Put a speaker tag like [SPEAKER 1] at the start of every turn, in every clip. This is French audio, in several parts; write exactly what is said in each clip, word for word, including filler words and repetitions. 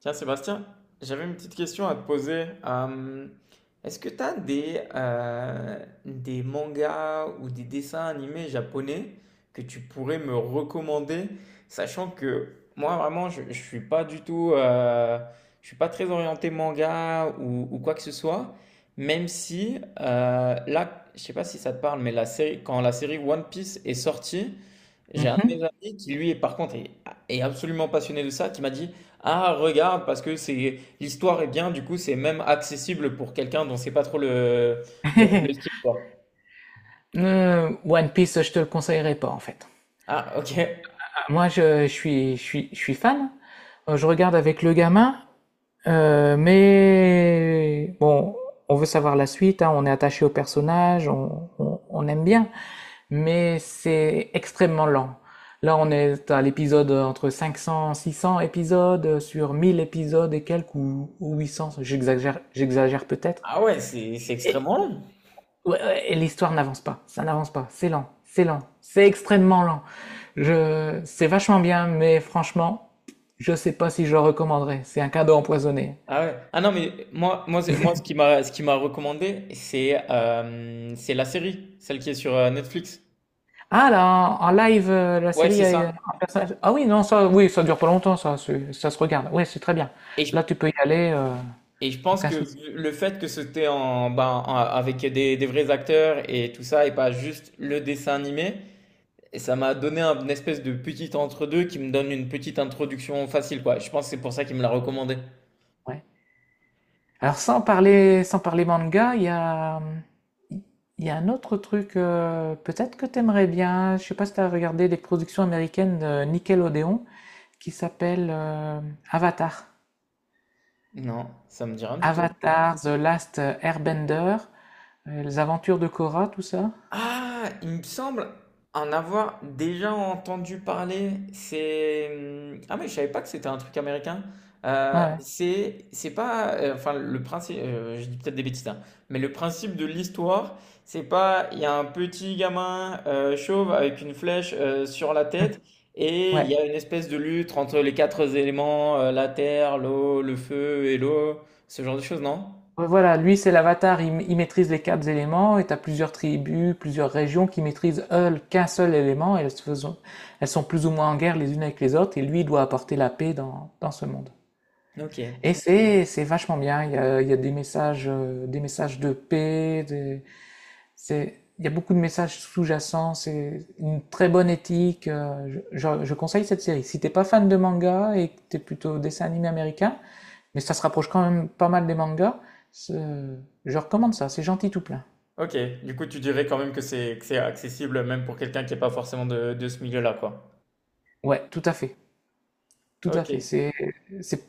[SPEAKER 1] Tiens, Sébastien, j'avais une petite question à te poser. Euh, est-ce que tu as des, euh, des mangas ou des dessins animés japonais que tu pourrais me recommander, sachant que moi, vraiment, je, je suis pas du tout, euh, je suis pas très orienté manga ou, ou quoi que ce soit, même si euh, là, je sais pas si ça te parle, mais la série, quand la série One Piece est sortie, j'ai un de mes
[SPEAKER 2] Mhm.
[SPEAKER 1] amis qui, lui, est, par contre, est, est absolument passionné de ça, qui m'a dit, ah, regarde, parce que c'est l'histoire est bien, du coup, c'est même accessible pour quelqu'un dont c'est pas trop le, le, le style, quoi.
[SPEAKER 2] Euh, One Piece, je te le conseillerais pas en fait.
[SPEAKER 1] Ah, ok.
[SPEAKER 2] Moi, je, je suis, je suis, je suis fan. Euh, Je regarde avec le gamin, euh, mais bon, on veut savoir la suite, hein. On est attaché au personnage, on, on, on aime bien, mais c'est extrêmement lent. Là, on est à l'épisode entre cinq cents, six cents épisodes sur mille épisodes et quelques ou, ou huit cents. J'exagère, j'exagère peut-être.
[SPEAKER 1] Ah ouais, c'est c'est extrêmement long.
[SPEAKER 2] Ouais, ouais, et l'histoire n'avance pas, ça n'avance pas, c'est lent, c'est lent, c'est extrêmement lent. Je, c'est vachement bien, mais franchement, je sais pas si je le recommanderais. C'est un cadeau empoisonné.
[SPEAKER 1] Ah ouais. Ah non, mais moi, moi, c'est- moi ce qui m'a ce qui m'a recommandé, c'est euh, c'est la série, celle qui est sur euh, Netflix.
[SPEAKER 2] Ah là, en en live, euh, la
[SPEAKER 1] Ouais,
[SPEAKER 2] série
[SPEAKER 1] c'est
[SPEAKER 2] a
[SPEAKER 1] ça.
[SPEAKER 2] un personnage. Ah oui, non, ça, oui, ça dure pas longtemps, ça, c'est- ça se regarde. Oui, c'est très bien.
[SPEAKER 1] Et je,
[SPEAKER 2] Là, tu peux y aller, euh,
[SPEAKER 1] et je pense
[SPEAKER 2] aucun
[SPEAKER 1] que
[SPEAKER 2] souci.
[SPEAKER 1] le fait que c'était en, ben, en- avec des, des vrais acteurs et tout ça, et pas juste le dessin animé. Et ça m'a donné un- une espèce de petit entre-deux qui me donne une petite introduction facile, quoi. Je pense que c'est pour ça qu'il me l'a recommandé.
[SPEAKER 2] Ouais. Alors, sans parler, sans parler manga, il y a, il y a un autre truc, euh, peut-être que t'aimerais bien. Je sais pas si t'as regardé des productions américaines de Nickelodeon, qui s'appelle euh, Avatar.
[SPEAKER 1] Non, ça me dit rien du tout.
[SPEAKER 2] Avatar, The Last Airbender, euh, Les Aventures de Korra, tout ça.
[SPEAKER 1] Ah, il me semble en avoir déjà entendu parler. C'est, mmh, ah, mais je savais pas que c'était un truc américain. Heu,
[SPEAKER 2] Ouais.
[SPEAKER 1] c'est c'est pas, heu, enfin, le principe, heu, je dis peut-être des bêtises, hein, mais le principe de l'histoire, c'est pas il y a un petit gamin, heu, chauve avec une flèche, heu, sur la
[SPEAKER 2] Ouais.
[SPEAKER 1] tête, et il
[SPEAKER 2] Ouais.
[SPEAKER 1] y a une espèce de lutte entre les quatre éléments, heu, la terre, l'eau, le feu et l'eau, ce genre de choses, non?
[SPEAKER 2] Ouais, voilà, lui c'est l'avatar, il, il maîtrise les quatre éléments et t'as plusieurs tribus, plusieurs régions qui maîtrisent elles qu'un seul élément et elles, se faisons- elles sont plus ou moins en guerre les unes avec les autres et lui il doit apporter la paix dans, dans ce monde.
[SPEAKER 1] OK.
[SPEAKER 2] Et c'est c'est vachement bien, il y a, il y a des messages, euh, des messages de paix, des. C'est, il y a beaucoup de messages sous-jacents, c'est une très bonne éthique. Euh, je, je- je conseille cette série. Si t'es pas fan de manga et que t'es plutôt dessin animé américain, mais ça se rapproche quand même pas mal des mangas, je recommande ça. C'est gentil tout plein.
[SPEAKER 1] OK, du coup, tu dirais quand même que c'est que c'est accessible même pour quelqu'un qui est pas forcément de de ce milieu-là, quoi?
[SPEAKER 2] Ouais, tout à fait, tout à fait.
[SPEAKER 1] OK,
[SPEAKER 2] C'est, c'est,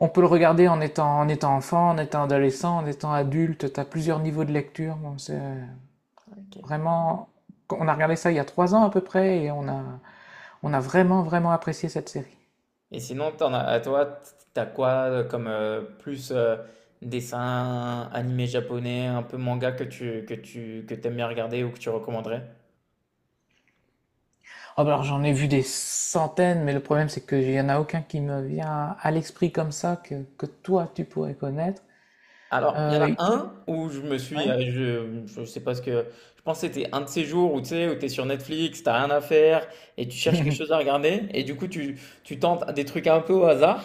[SPEAKER 2] on peut le regarder en étant, en étant enfant, en étant adolescent, en étant adulte. T'as plusieurs niveaux de lecture. Bon, c'est
[SPEAKER 1] OK.
[SPEAKER 2] vraiment, on a regardé ça il y a trois ans à peu près et on a, on a vraiment, vraiment apprécié cette série.
[SPEAKER 1] Et sinon, t'en as à toi, t tu quoi, heu, comme, heu, plus, heu, dessin animé japonais, un peu manga que tu que tu que t'aimes bien regarder ou que tu recommanderais?
[SPEAKER 2] Oh, bah alors j'en ai vu des centaines, mais le problème c'est qu'il n'y en a aucun qui me vient à l'esprit comme ça que, que toi tu pourrais connaître.
[SPEAKER 1] Alors, il y en a
[SPEAKER 2] Euh,
[SPEAKER 1] un où je me suis,
[SPEAKER 2] ouais.
[SPEAKER 1] heu, je je sais pas ce que, je pense que c'était un de ces jours où tu sais, où t'es sur Netflix, t'as rien à faire et tu cherches quelque chose à regarder et du coup, tu tu tentes des trucs un peu au hasard.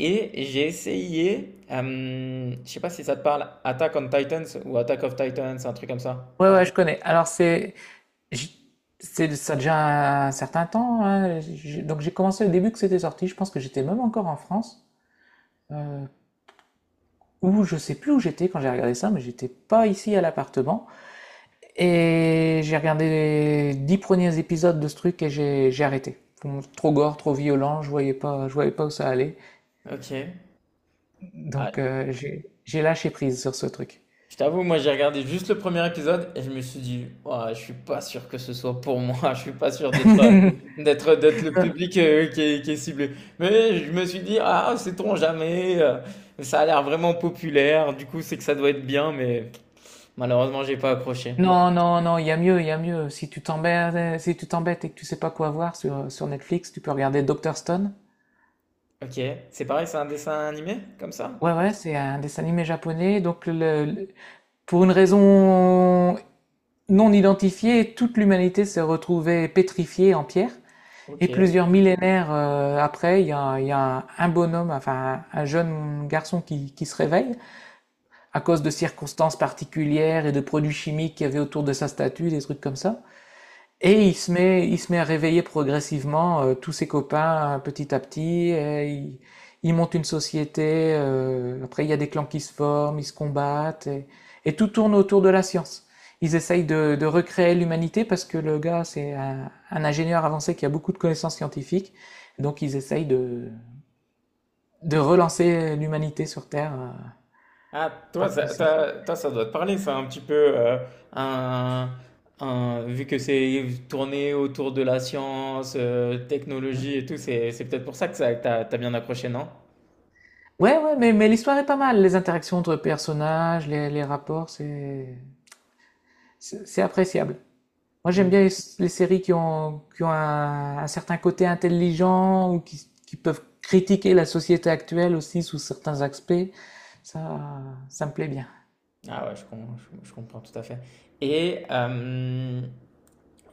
[SPEAKER 1] Et j'ai essayé, euh, je sais pas si ça te parle, Attack on Titans ou Attack of Titans, un truc comme ça.
[SPEAKER 2] Ouais, ouais, je connais. Alors c'est, j- c'est ça a déjà un certain temps, hein. J'ai- Donc j'ai commencé au début que c'était sorti. Je pense que j'étais même encore en France, euh, ou je sais plus où j'étais quand j'ai regardé ça, mais j'étais pas ici à l'appartement. Et j'ai regardé les dix premiers épisodes de ce truc et j'ai j'ai arrêté. Trop gore, trop violent, je voyais pas, je voyais pas où ça allait.
[SPEAKER 1] Ok.
[SPEAKER 2] Donc,
[SPEAKER 1] Ah,
[SPEAKER 2] euh, j'ai j'ai lâché prise sur ce truc.
[SPEAKER 1] je t'avoue, moi j'ai regardé juste le premier épisode et je me suis dit, ouah, je suis pas sûr que ce soit pour moi, je suis pas sûr d'être euh, d'être d'être le public euh, qui est, qui est ciblé. Mais je me suis dit, ah, sait-on jamais, euh, ça a l'air vraiment populaire, du coup c'est que ça doit être bien, mais malheureusement j'ai pas accroché.
[SPEAKER 2] Non, non, non, il y a mieux, il y a mieux. Si tu t'embêtes, si tu t'embêtes et que tu sais pas quoi voir sur, sur Netflix, tu peux regarder docteur Stone.
[SPEAKER 1] Ok, c'est pareil, c'est un dessin animé comme
[SPEAKER 2] Ouais,
[SPEAKER 1] ça?
[SPEAKER 2] ouais, c'est un dessin animé japonais. Donc, le- le- pour une raison non identifiée, toute l'humanité s'est retrouvée pétrifiée en pierre.
[SPEAKER 1] Ok.
[SPEAKER 2] Et plusieurs millénaires euh, après, il y a, il y a un, un bonhomme, enfin un, un jeune garçon qui, qui se réveille à cause de circonstances particulières et de produits chimiques qu'il y avait autour de sa statue, des trucs comme ça. Et il se met, il se met à réveiller progressivement euh, tous ses copains euh, petit à petit. Et il, il monte une société. Euh, après, il y a des clans qui se forment, ils se combattent. Et, et tout tourne autour de la science. Ils essayent de, de recréer l'humanité parce que le gars, c'est un, un ingénieur avancé qui a beaucoup de connaissances scientifiques. Donc, ils essayent de, de relancer l'humanité sur Terre euh,
[SPEAKER 1] Ah,
[SPEAKER 2] à
[SPEAKER 1] toi
[SPEAKER 2] partir de
[SPEAKER 1] ça,
[SPEAKER 2] ça.
[SPEAKER 1] toi, toi, ça doit te parler, ça, un petit peu. euh, un, un- Vu que c'est tourné autour de la science, euh,
[SPEAKER 2] Mmh.
[SPEAKER 1] technologie et tout, c'est, c'est peut-être pour ça que ça, t'as, t'as bien accroché, non?
[SPEAKER 2] Ouais, ouais, mais, mais l'histoire est pas mal. Les interactions entre personnages, les, les rapports, c'est c'est c'est appréciable. Moi, j'aime bien
[SPEAKER 1] Mm.
[SPEAKER 2] les, les séries qui ont, qui ont un, un certain côté intelligent ou qui, qui peuvent critiquer la société actuelle aussi sous certains aspects. Ça, ça me plaît bien.
[SPEAKER 1] Ah ouais, je, com- je- je comprends tout à fait. Et, euh,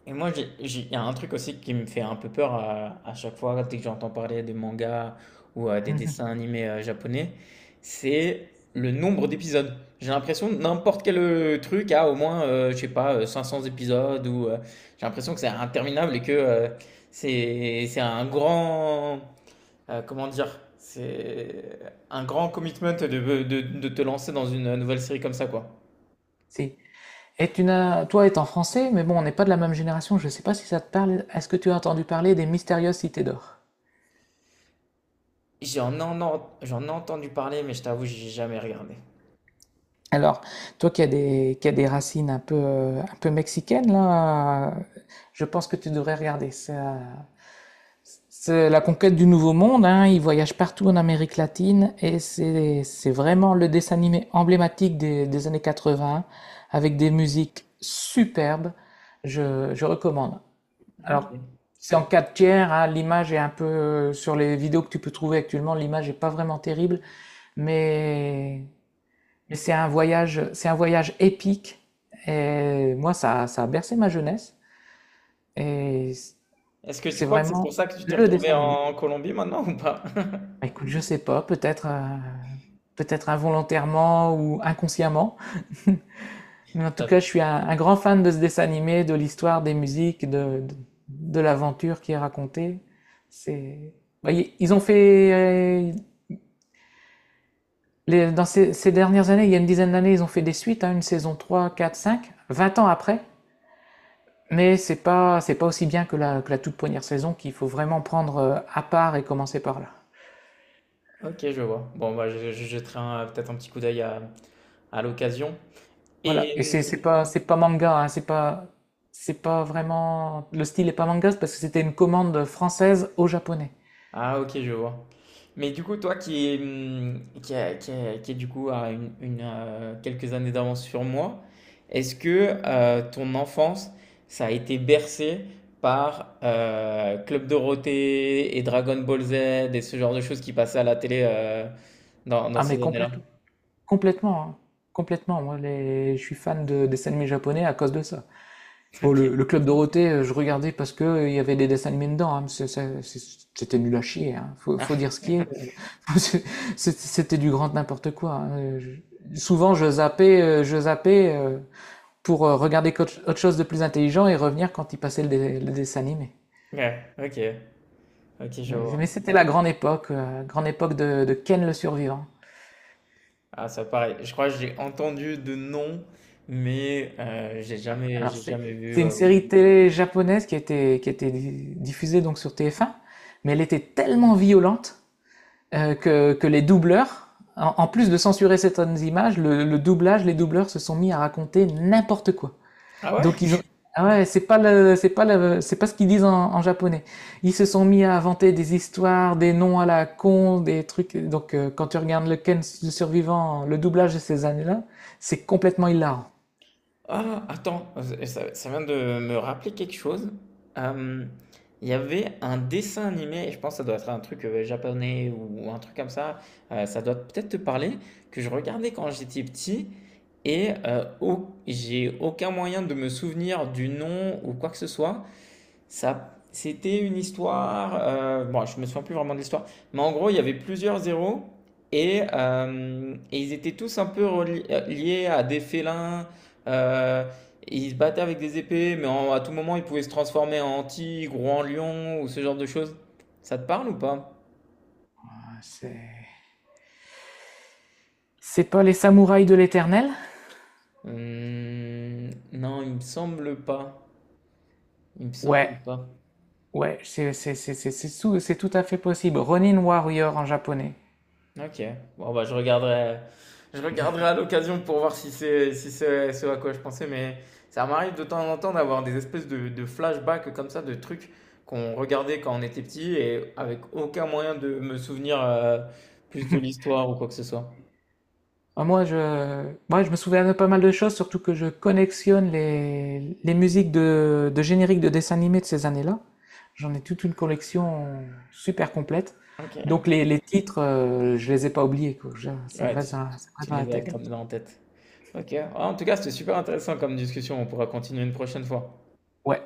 [SPEAKER 1] Et moi, j'ai- j'ai- il y a un truc aussi qui me fait un peu peur à, à chaque fois, dès que j'entends parler de mangas ou euh, des dessins animés euh, japonais, c'est le nombre d'épisodes. J'ai l'impression que n'importe quel euh, truc a au moins, euh, je sais pas, euh, cinq cents épisodes ou euh, j'ai l'impression que c'est interminable et que euh, c'est c'est un grand, euh, comment dire, c'est un grand commitment de, de, de te lancer dans une nouvelle série comme ça, quoi.
[SPEAKER 2] Si. Et tu n'as, toi étant français, mais bon, on n'est pas de la même génération, je ne sais pas si ça te parle. Est-ce que tu as entendu parler des mystérieuses cités d'or?
[SPEAKER 1] J'en en, j'en ai entendu parler, mais je t'avoue, j'ai jamais regardé.
[SPEAKER 2] Alors, toi qui as des, qui as des racines un peu, euh, un peu mexicaines, là, euh, je pense que tu devrais regarder. C'est euh, c'est la conquête du Nouveau Monde, hein, ils voyagent partout en Amérique latine et c'est c'est vraiment le dessin animé emblématique des, des années quatre-vingts avec des musiques superbes. Je, je recommande.
[SPEAKER 1] Ok.
[SPEAKER 2] Alors, c'est en quatre tiers, hein, l'image est un peu, euh, sur les vidéos que tu peux trouver actuellement, l'image est pas vraiment terrible, mais mais c'est un voyage, c'est un voyage épique. Et moi, ça, ça a bercé ma jeunesse. Et
[SPEAKER 1] Est-ce que tu
[SPEAKER 2] c'est
[SPEAKER 1] crois que c'est pour
[SPEAKER 2] vraiment
[SPEAKER 1] ça que tu t'es
[SPEAKER 2] le
[SPEAKER 1] retrouvé
[SPEAKER 2] dessin animé.
[SPEAKER 1] en Colombie maintenant ou pas?
[SPEAKER 2] Bah, écoute, je sais pas, peut-être, euh, peut-être involontairement ou inconsciemment. Mais en tout cas, je
[SPEAKER 1] Ça-
[SPEAKER 2] suis un, un grand fan de ce dessin animé, de l'histoire, des musiques, de, de, de l'aventure qui est racontée. C'est, bah, y- ils ont fait, euh, les- dans ces, ces dernières années, il y a une dizaine d'années, ils ont fait des suites, hein, une saison trois, quatre, cinq. Vingt ans après. Mais c'est pas, c'est pas aussi bien que la, que la toute première saison qu'il faut vraiment prendre euh, à part et commencer par là.
[SPEAKER 1] Ok, je vois. Bon, bah, je, je jetterai un- peut-être un petit coup d'œil à, à l'occasion.
[SPEAKER 2] Voilà. Et
[SPEAKER 1] Et...
[SPEAKER 2] c'est, c'est pas, c'est pas manga, hein, c'est pas, c'est pas vraiment, le style est pas manga, c'est parce que c'était une commande française au japonais.
[SPEAKER 1] Ah, ok, je vois. Mais du coup, toi qui est, hum, qui a- qui a- qui est du coup à une, une, euh, quelques années d'avance sur moi, est-ce que euh, ton enfance, ça a été bercé par euh, Club Dorothée et Dragon Ball Z et ce genre de choses qui passaient à la télé euh, dans, dans
[SPEAKER 2] Ah, mais
[SPEAKER 1] ces années-là?
[SPEAKER 2] complète- complètement, hein. Complètement. Moi, les, je suis fan de dessins animés japonais à cause de ça. Bon, le, le Club Dorothée, euh, je regardais parce que euh, il y avait des dessins animés dedans, hein, mais c'est- c'est- c'est- c'était nul à chier, hein. Faut,
[SPEAKER 1] Ok.
[SPEAKER 2] faut dire ce qui est. C'était du grand n'importe quoi, hein. Je- Souvent, je zappais, euh, je zappais euh, pour euh, regarder autre chose de plus intelligent et revenir quand il passait le, le dessin animé.
[SPEAKER 1] Ouais, OK. OK, je
[SPEAKER 2] Mais
[SPEAKER 1] vois.
[SPEAKER 2] c'était la grande époque, euh, grande époque de, de Ken le Survivant.
[SPEAKER 1] Ah, ça pareil. Je crois que j'ai entendu de nom, mais euh, j'ai jamais,
[SPEAKER 2] Alors
[SPEAKER 1] j'ai
[SPEAKER 2] c'est
[SPEAKER 1] jamais vu.
[SPEAKER 2] une
[SPEAKER 1] euh.
[SPEAKER 2] série télé japonaise qui était qui était diffusée donc sur T F un, mais elle était tellement violente euh, que que les doubleurs, en, en plus de censurer certaines images, le, le doublage, les doubleurs se sont mis à raconter n'importe quoi.
[SPEAKER 1] Ah ouais?
[SPEAKER 2] Donc ils ont, ah ouais, c'est pas le, c'est pas le, c'est pas ce qu'ils disent en, en japonais. Ils se sont mis à inventer des histoires, des noms à la con, des trucs. Donc euh, quand tu regardes le Ken le survivant, le doublage de ces années-là, c'est complètement hilarant.
[SPEAKER 1] Ah, attends, ça, ça vient de me rappeler quelque chose. Euh, Il y avait un dessin animé, et je pense que ça doit être un truc euh, japonais ou un truc comme ça. Euh, ça doit peut-être te parler, que je regardais quand j'étais petit, et euh, au- j'ai aucun moyen de me souvenir du nom ou quoi que ce soit. Ça, c'était une histoire. Euh, bon, je me souviens plus vraiment de l'histoire. Mais en gros, il y avait plusieurs zéros. Et, euh, et ils étaient tous un peu reli- euh, liés à des félins. euh, et ils se battaient avec des épées. Mais en- à tout moment, ils pouvaient se transformer en tigre ou en lion ou ce genre de choses. Ça te parle ou pas?
[SPEAKER 2] C'est, c'est pas les samouraïs de l'éternel?
[SPEAKER 1] Hum, non, il me semble pas. Il me
[SPEAKER 2] Ouais,
[SPEAKER 1] semble pas.
[SPEAKER 2] ouais, c'est c'est c'est c'est c'est tout, c'est tout à fait possible. Ronin Warrior en japonais.
[SPEAKER 1] Ok. Bon, bah, je regarderai, je regarderai à l'occasion pour voir si c'est si c'est ce à quoi je pensais. Mais ça m'arrive de temps en temps d'avoir des espèces de, de flashbacks comme ça, de trucs qu'on regardait quand on était petit et avec aucun moyen de me souvenir euh, plus de l'histoire ou quoi que ce soit.
[SPEAKER 2] Ah, moi, je, moi, je me souviens de pas mal de choses, surtout que je collectionne les, les musiques de, de génériques de dessins animés de ces années-là. J'en ai toute une collection super complète. Donc
[SPEAKER 1] Ok.
[SPEAKER 2] les, les titres, euh, je les ai pas oubliés, quoi. Je- ça me
[SPEAKER 1] Ouais,
[SPEAKER 2] reste
[SPEAKER 1] tu,
[SPEAKER 2] dans, ça me reste
[SPEAKER 1] tu
[SPEAKER 2] dans la
[SPEAKER 1] les as
[SPEAKER 2] tête.
[SPEAKER 1] gardés en tête. Ok. Ah, en tout cas, c'était super intéressant comme discussion. On pourra continuer une prochaine fois.
[SPEAKER 2] Ouais.